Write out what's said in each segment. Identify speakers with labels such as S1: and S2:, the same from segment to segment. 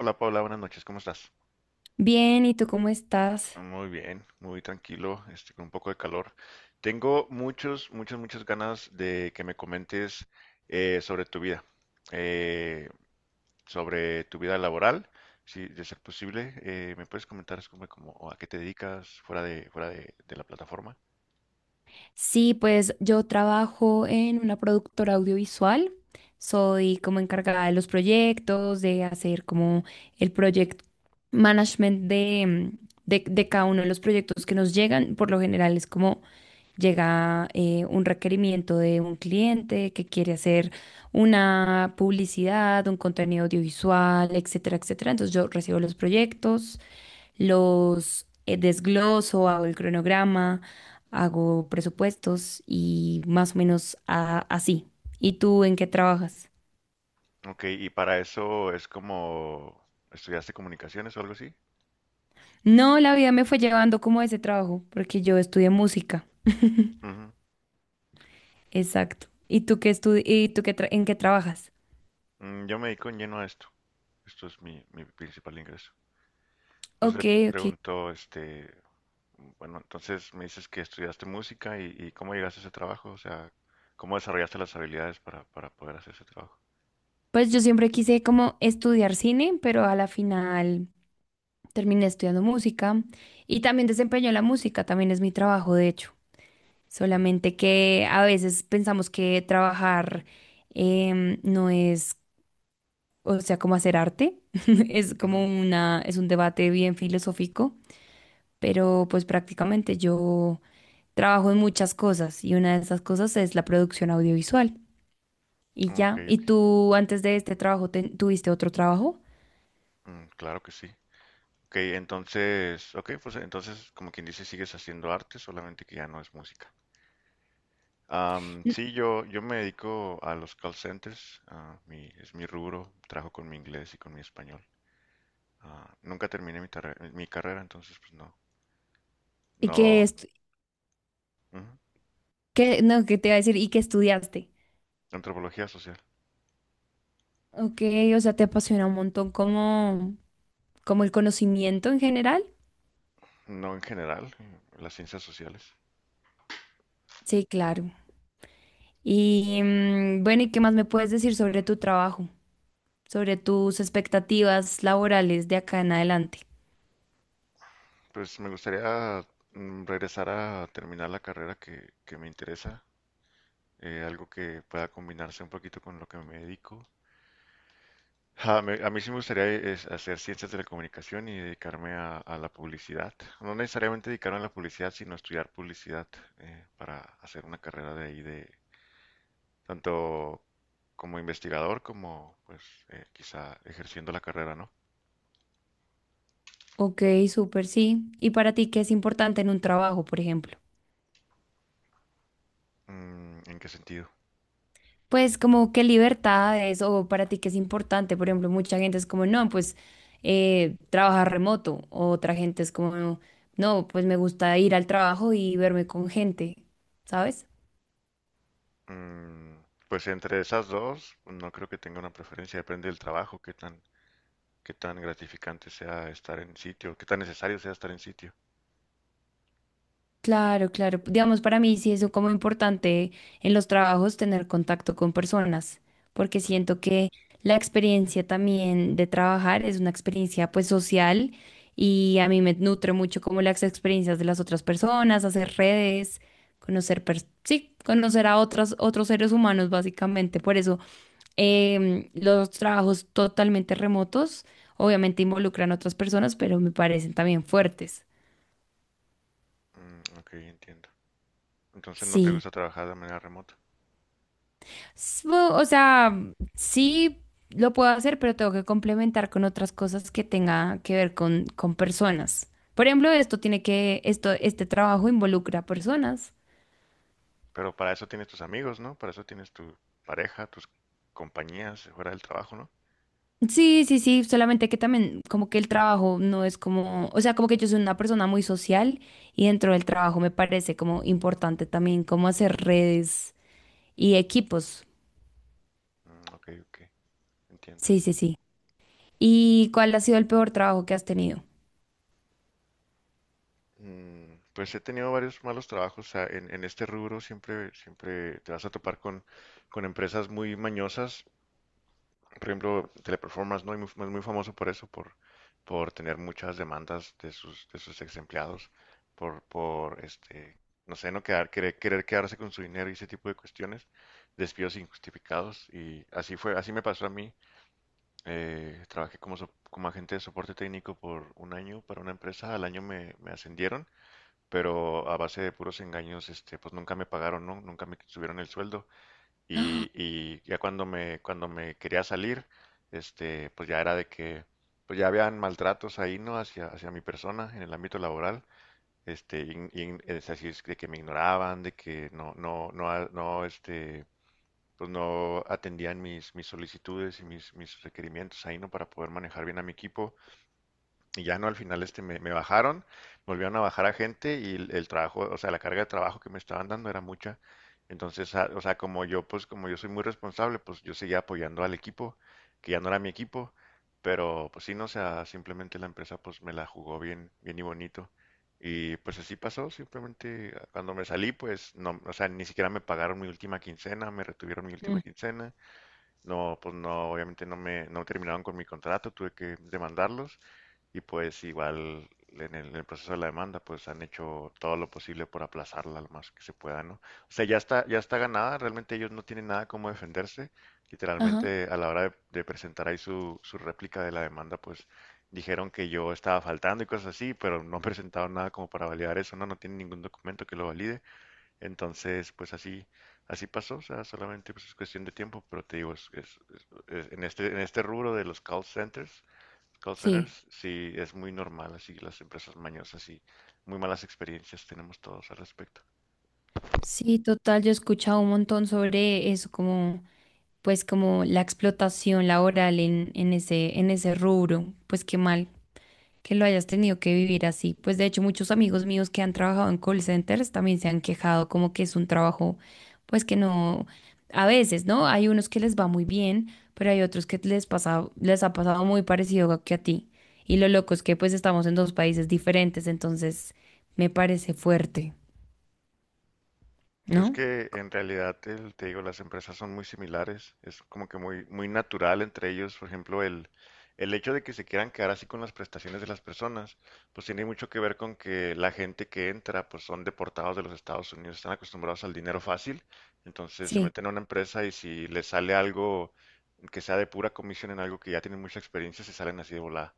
S1: Hola Paula, buenas noches, ¿cómo estás?
S2: Bien, ¿y tú cómo estás?
S1: Muy bien, muy tranquilo, con un poco de calor. Tengo muchas ganas de que me comentes eh, sobre tu vida, eh, sobre tu vida laboral, si de ser posible, ¿me puedes comentar es como, como a qué te dedicas fuera de la plataforma?
S2: Sí, pues yo trabajo en una productora audiovisual. Soy como encargada de los proyectos, de hacer como el project management de cada uno de los proyectos que nos llegan. Por lo general es como llega un requerimiento de un cliente que quiere hacer una publicidad, un contenido audiovisual, etcétera, etcétera. Entonces yo recibo los proyectos. Los desgloso, hago el cronograma, hago presupuestos y más o menos así. ¿Y tú en qué trabajas?
S1: Ok, y para eso es como, ¿estudiaste comunicaciones o algo así?
S2: No, la vida me fue llevando como a ese trabajo, porque yo estudié música.
S1: Ujú.
S2: Exacto. ¿Y tú qué y tú qué en qué trabajas?
S1: Yo me dedico en lleno a esto, esto es mi principal ingreso. Entonces le
S2: Ok, ok.
S1: pregunto, bueno, entonces me dices que estudiaste música y cómo llegaste a ese trabajo, o sea, cómo desarrollaste las habilidades para poder hacer ese trabajo.
S2: Pues yo siempre quise como estudiar cine, pero a la final terminé estudiando música y también desempeño la música, también es mi trabajo, de hecho.
S1: Ujú,
S2: Solamente que a veces pensamos que trabajar no es, o sea, como hacer arte, es como
S1: ujú.
S2: una, es un debate bien filosófico, pero pues prácticamente yo trabajo en muchas cosas y una de esas cosas es la producción audiovisual y
S1: Ok,
S2: ya. ¿Y
S1: ok,
S2: tú antes de este trabajo tuviste otro trabajo?
S1: mm, Claro que sí. Ok, entonces, ok, pues entonces, como quien dice, sigues haciendo arte, solamente que ya no es música.
S2: N-
S1: Sí, yo me dedico a los call centers. Ah, es mi rubro, trabajo con mi inglés y con mi español. Ah, nunca terminé mi carrera, entonces pues no,
S2: ¿Y qué,
S1: no,
S2: estu-
S1: ujú,
S2: qué, no, qué te iba a decir? ¿Y qué estudiaste?
S1: antropología social.
S2: Ok, o sea, te apasiona un montón como, como el conocimiento en general.
S1: No en general, las ciencias sociales.
S2: Sí, claro. Y, mm, bueno, ¿y qué más me puedes decir sobre tu trabajo, sobre tus expectativas laborales de acá en adelante?
S1: Pues me gustaría regresar a terminar la carrera que me interesa, algo que pueda combinarse un poquito con lo que me dedico. A mí sí me gustaría es hacer ciencias de la comunicación y dedicarme a la publicidad. No necesariamente dedicarme a la publicidad, sino estudiar publicidad, para hacer una carrera de ahí de tanto como investigador como pues quizá ejerciendo la carrera, ¿no?
S2: Ok, súper, sí. ¿Y para ti qué es importante en un trabajo, por ejemplo?
S1: Mm, ¿en qué sentido?
S2: Pues como qué libertades o para ti qué es importante, por ejemplo, mucha gente es como, no, pues trabajar remoto, o otra gente es como, no, pues me gusta ir al trabajo y verme con gente, ¿sabes?
S1: Mm, pues entre esas dos, no creo que tenga una preferencia, depende del trabajo, qué tan gratificante sea estar en sitio, qué tan necesario sea estar en sitio.
S2: Claro, claro. Digamos, para mí sí es como importante en los trabajos tener contacto con personas, porque
S1: Ujú.
S2: siento que la experiencia también de trabajar es una experiencia pues social y a mí me nutre mucho como las experiencias de las otras personas, hacer redes, conocer, sí, conocer a otras, otros seres humanos básicamente. Por eso los trabajos totalmente remotos obviamente involucran a otras personas, pero me parecen también fuertes.
S1: Mm, ok, entiendo. Entonces no te
S2: Sí.
S1: gusta trabajar de manera remota,
S2: O sea, sí lo puedo hacer, pero tengo que complementar con otras cosas que tenga que ver con personas. Por ejemplo, esto tiene que, esto, este trabajo involucra a personas.
S1: pero para eso tienes tus amigos, ¿no? Para eso tienes tu pareja, tus compañías fuera del trabajo, ¿no?
S2: Sí, sí, sí, solamente que también como que el trabajo no es como, o sea, como que yo soy una persona muy social y dentro del trabajo me parece como importante también como hacer redes y equipos.
S1: Mm, ok, ok, entiendo.
S2: Sí, sí, sí. ¿Y cuál ha sido el peor trabajo que has tenido?
S1: Mm, pues he tenido varios malos trabajos, o sea, en este rubro siempre te vas a topar con empresas muy mañosas. Por ejemplo, Teleperformance, ¿no? Es muy famoso por eso, por tener muchas demandas de sus ex empleados, por, por este, no sé, no quedar, querer, querer quedarse con su dinero y ese tipo de cuestiones, despidos injustificados. Y así fue, así me pasó a mí. Trabajé como agente de soporte técnico por un año para una empresa, al año me ascendieron, pero a base de puros engaños, este, pues nunca me pagaron, ¿no? Nunca me subieron el sueldo. Y, y ya cuando me quería salir, este, pues ya era de que, pues ya habían maltratos ahí, ¿no? Hacia mi persona en el ámbito laboral. Este, es así, es de que me ignoraban, de que no, este, pues no atendían mis solicitudes y mis requerimientos ahí, ¿no? Para poder manejar bien a mi equipo. Y ya no, al final este me bajaron, volvieron a bajar a gente y el trabajo, o sea, la carga de trabajo que me estaban dando era mucha. Entonces, o sea, como yo, pues como yo soy muy responsable, pues yo seguía apoyando al equipo, que ya no era mi equipo, pero pues sí, no, o sea, simplemente la empresa pues me la jugó bien y bonito. Y pues así pasó, simplemente ah, cuando me salí, pues no, o sea, ni siquiera me pagaron mi última quincena, me retuvieron mi
S2: Mm.
S1: última quincena. No, pues no, obviamente no no terminaron con mi contrato, tuve que demandarlos y pues igual en el proceso de la demanda, pues han hecho todo lo posible por aplazarla lo más que se pueda, ¿no? O sea, ya está ganada, realmente ellos no tienen nada como defenderse.
S2: Ajá,
S1: Literalmente a la hora de presentar ahí su réplica de la demanda, pues dijeron que yo estaba faltando y cosas así, pero no presentaron nada como para validar eso, ¿no? No tienen ningún documento que lo valide. Entonces, pues así, así pasó, o sea, solamente pues, es cuestión de tiempo, pero te digo, en este rubro de los call centers. Call
S2: sí.
S1: centers, sí, es muy normal, así las empresas mañosas y muy malas experiencias tenemos todos al respecto.
S2: Sí, total, yo he escuchado un montón sobre eso, como, pues, como la explotación laboral en ese rubro. Pues qué mal que lo hayas tenido que vivir así. Pues de hecho, muchos amigos míos que han trabajado en call centers también se han quejado como que es un trabajo, pues que no, a veces, ¿no? Hay unos que les va muy bien, pero hay otros que les pasa, les ha pasado muy parecido que a ti. Y lo loco es que pues estamos en dos países diferentes, entonces me parece fuerte,
S1: Pues
S2: ¿no?
S1: que en realidad, te digo, las empresas son muy similares, es como que muy natural entre ellos, por ejemplo, el hecho de que se quieran quedar así con las prestaciones de las personas, pues tiene mucho que ver con que la gente que entra, pues son deportados de los Estados Unidos, están acostumbrados al dinero fácil, entonces se
S2: Sí.
S1: meten a una empresa y si les sale algo que sea de pura comisión en algo que ya tienen mucha experiencia, se salen así de volada.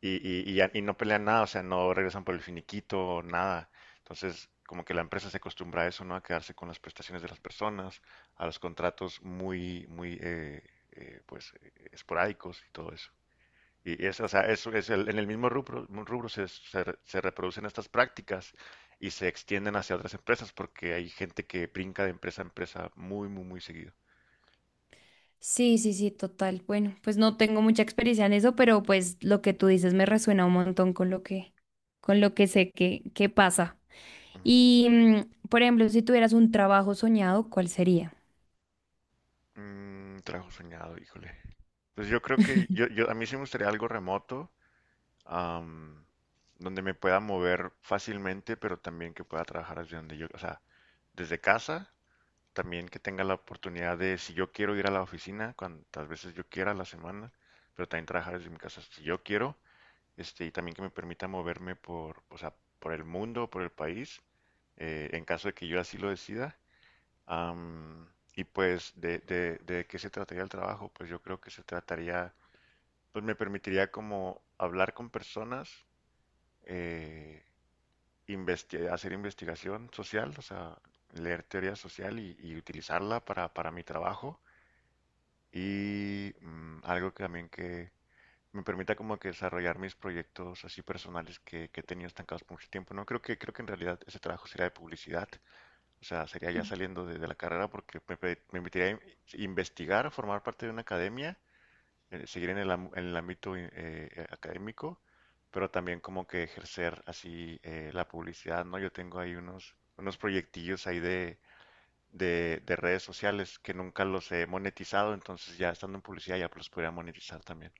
S1: Y y no pelean nada, o sea, no regresan por el finiquito, nada. Entonces, como que la empresa se acostumbra a eso, ¿no? A quedarse con las prestaciones de las personas, a los contratos muy esporádicos y todo eso. Y es, o sea, eso es en el mismo rubro se reproducen estas prácticas y se extienden hacia otras empresas porque hay gente que brinca de empresa a empresa muy seguido.
S2: Sí, sí, sí, total. Bueno, pues no tengo mucha experiencia en eso, pero pues lo que tú dices me resuena un montón con lo que sé que pasa.
S1: Ujú.
S2: Y, por ejemplo, si tuvieras un trabajo soñado, ¿cuál sería?
S1: Mm, trabajo soñado, híjole. Pues yo creo que yo, a mí sí me gustaría algo remoto. am, donde me pueda mover fácilmente, pero también que pueda trabajar desde donde yo, o sea, desde casa, también que tenga la oportunidad de, si yo quiero ir a la oficina, cuantas veces yo quiera a la semana, pero también trabajar desde mi casa si yo quiero, este, y también que me permita moverme por, o sea, por el mundo, por el país, en caso de que yo así lo decida. Am, y pues, ¿de qué se trataría el trabajo? Pues yo creo que se trataría, pues me permitiría como hablar con personas, eh, hacer investigación social, o sea, leer teoría social y utilizarla para mi trabajo. Y algo que también que me permita como que desarrollar mis proyectos así personales que he tenido estancados por mucho tiempo. No creo que, creo que en realidad ese trabajo sería de publicidad, o sea, sería ya saliendo de la carrera porque me permitiría investigar, formar parte de una academia, seguir en en el ámbito académico, pero también como que ejercer así la publicidad, ¿no? Yo tengo ahí unos proyectillos ahí de redes sociales que nunca los he monetizado, entonces ya estando en publicidad ya los podría monetizar también.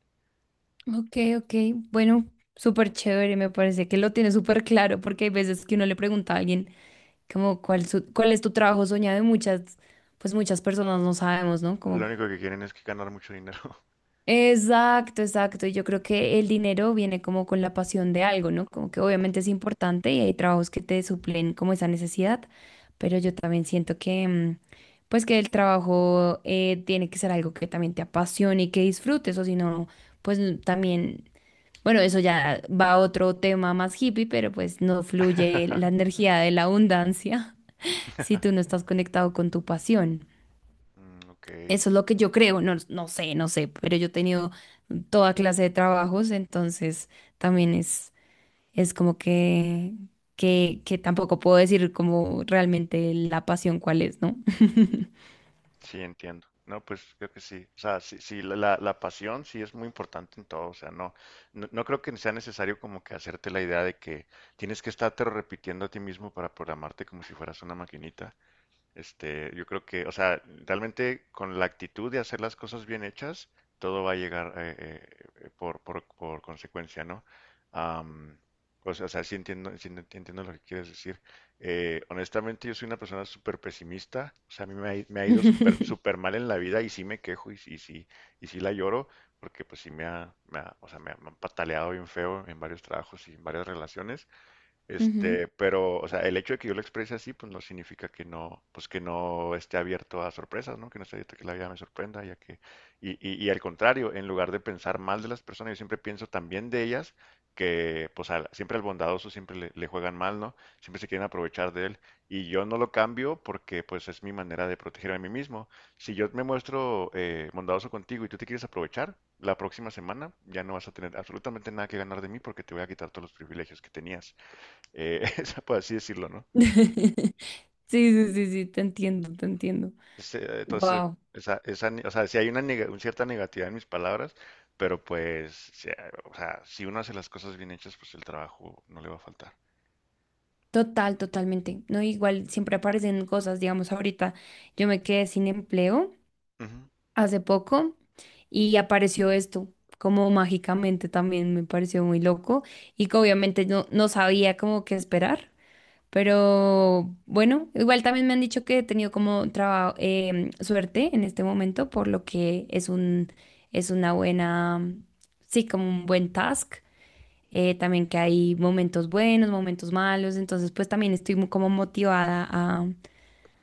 S2: Ok, ok, bueno, súper chévere, me parece que lo tiene súper claro, porque hay veces que uno le pregunta a alguien como cuál, cuál es tu trabajo soñado y muchas, pues muchas personas no sabemos, ¿no?
S1: Lo
S2: Como
S1: único que quieren es que ganar mucho dinero.
S2: exacto, exacto. Y yo creo que el dinero viene como con la pasión de algo, ¿no? Como que obviamente es importante y hay trabajos que te suplen como esa necesidad, pero yo también siento que, pues que el trabajo tiene que ser algo que también te apasione y que disfrutes, o si no, pues también, bueno, eso ya va a otro tema más hippie, pero pues no fluye la energía de la abundancia. Si tú no estás conectado con tu pasión.
S1: Mm, ok.
S2: Eso es lo que yo creo, no, no sé, no sé, pero yo he tenido toda clase de trabajos, entonces también es como que tampoco puedo decir como realmente la pasión cuál es, ¿no?
S1: Sí, entiendo. No, pues creo que sí. O sea, sí, sí, la pasión sí es muy importante en todo. O sea, no, no creo que sea necesario como que hacerte la idea de que tienes que estarte repitiendo a ti mismo para programarte como si fueras una maquinita. Este, yo creo que, o sea, realmente con la actitud de hacer las cosas bien hechas, todo va a llegar por consecuencia, ¿no? Am, o sea, sí entiendo, entiendo lo que quieres decir. Honestamente, yo soy una persona súper pesimista. O sea, a mí me ha ido súper súper mal en la vida y sí me quejo y sí, y sí la lloro porque pues sí o sea, me han pataleado bien feo en varios trabajos y en varias relaciones.
S2: Ujú.
S1: Este, pero, o sea, el hecho de que yo lo exprese así, pues no significa que no, pues que no esté abierto a sorpresas, ¿no? Que no esté abierto a que la vida me sorprenda, ya que, y al contrario, en lugar de pensar mal de las personas, yo siempre pienso también de ellas, que pues siempre al bondadoso siempre le juegan mal, ¿no? Siempre se quieren aprovechar de él. Y yo no lo cambio porque pues es mi manera de proteger a mí mismo. Si yo me muestro bondadoso contigo y tú te quieres aprovechar, la próxima semana ya no vas a tener absolutamente nada que ganar de mí porque te voy a quitar todos los privilegios que tenías, eh, por así decirlo, ¿no?
S2: Sí, sí, sí, sí, te entiendo, te entiendo.
S1: Entonces,
S2: Wow.
S1: o sea, si hay una, neg una cierta negatividad en mis palabras, pero pues, si, o sea, si uno hace las cosas bien hechas, pues el trabajo no le va a faltar.
S2: Total, totalmente. No, igual siempre aparecen cosas, digamos, ahorita yo me quedé sin empleo
S1: Ujú.
S2: hace poco y apareció esto, como mágicamente también me pareció muy loco y que obviamente no, no sabía como qué esperar, pero bueno, igual también me han dicho que he tenido como trabajo suerte en este momento, por lo que es un, es una buena, sí, como un buen task. También que hay momentos buenos, momentos malos, entonces pues también estoy muy como motivada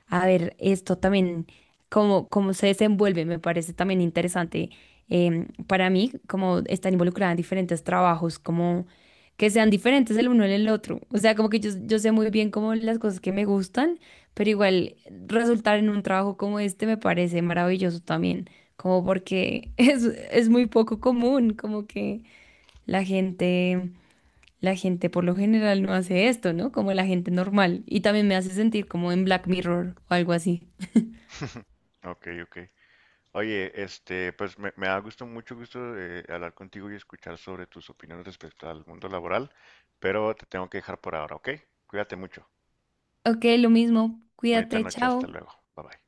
S2: a ver esto también, cómo, cómo se desenvuelve, me parece también interesante para mí, como estar involucrada en diferentes trabajos, como que sean diferentes el uno del otro. O sea, como que yo sé muy bien como las cosas que me gustan, pero igual resultar en un trabajo como este me parece maravilloso también, como porque es muy poco común, como que la gente... La gente por lo general no hace esto, ¿no? Como la gente normal. Y también me hace sentir como en Black Mirror o algo así.
S1: Ok, ok. Oye, este, pues me ha gustado mucho gusto hablar contigo y escuchar sobre tus opiniones respecto al mundo laboral, pero te tengo que dejar por ahora, ¿ok? Cuídate mucho.
S2: Ok, lo mismo.
S1: Bonita
S2: Cuídate,
S1: noche, hasta
S2: chao.
S1: luego. Bye bye.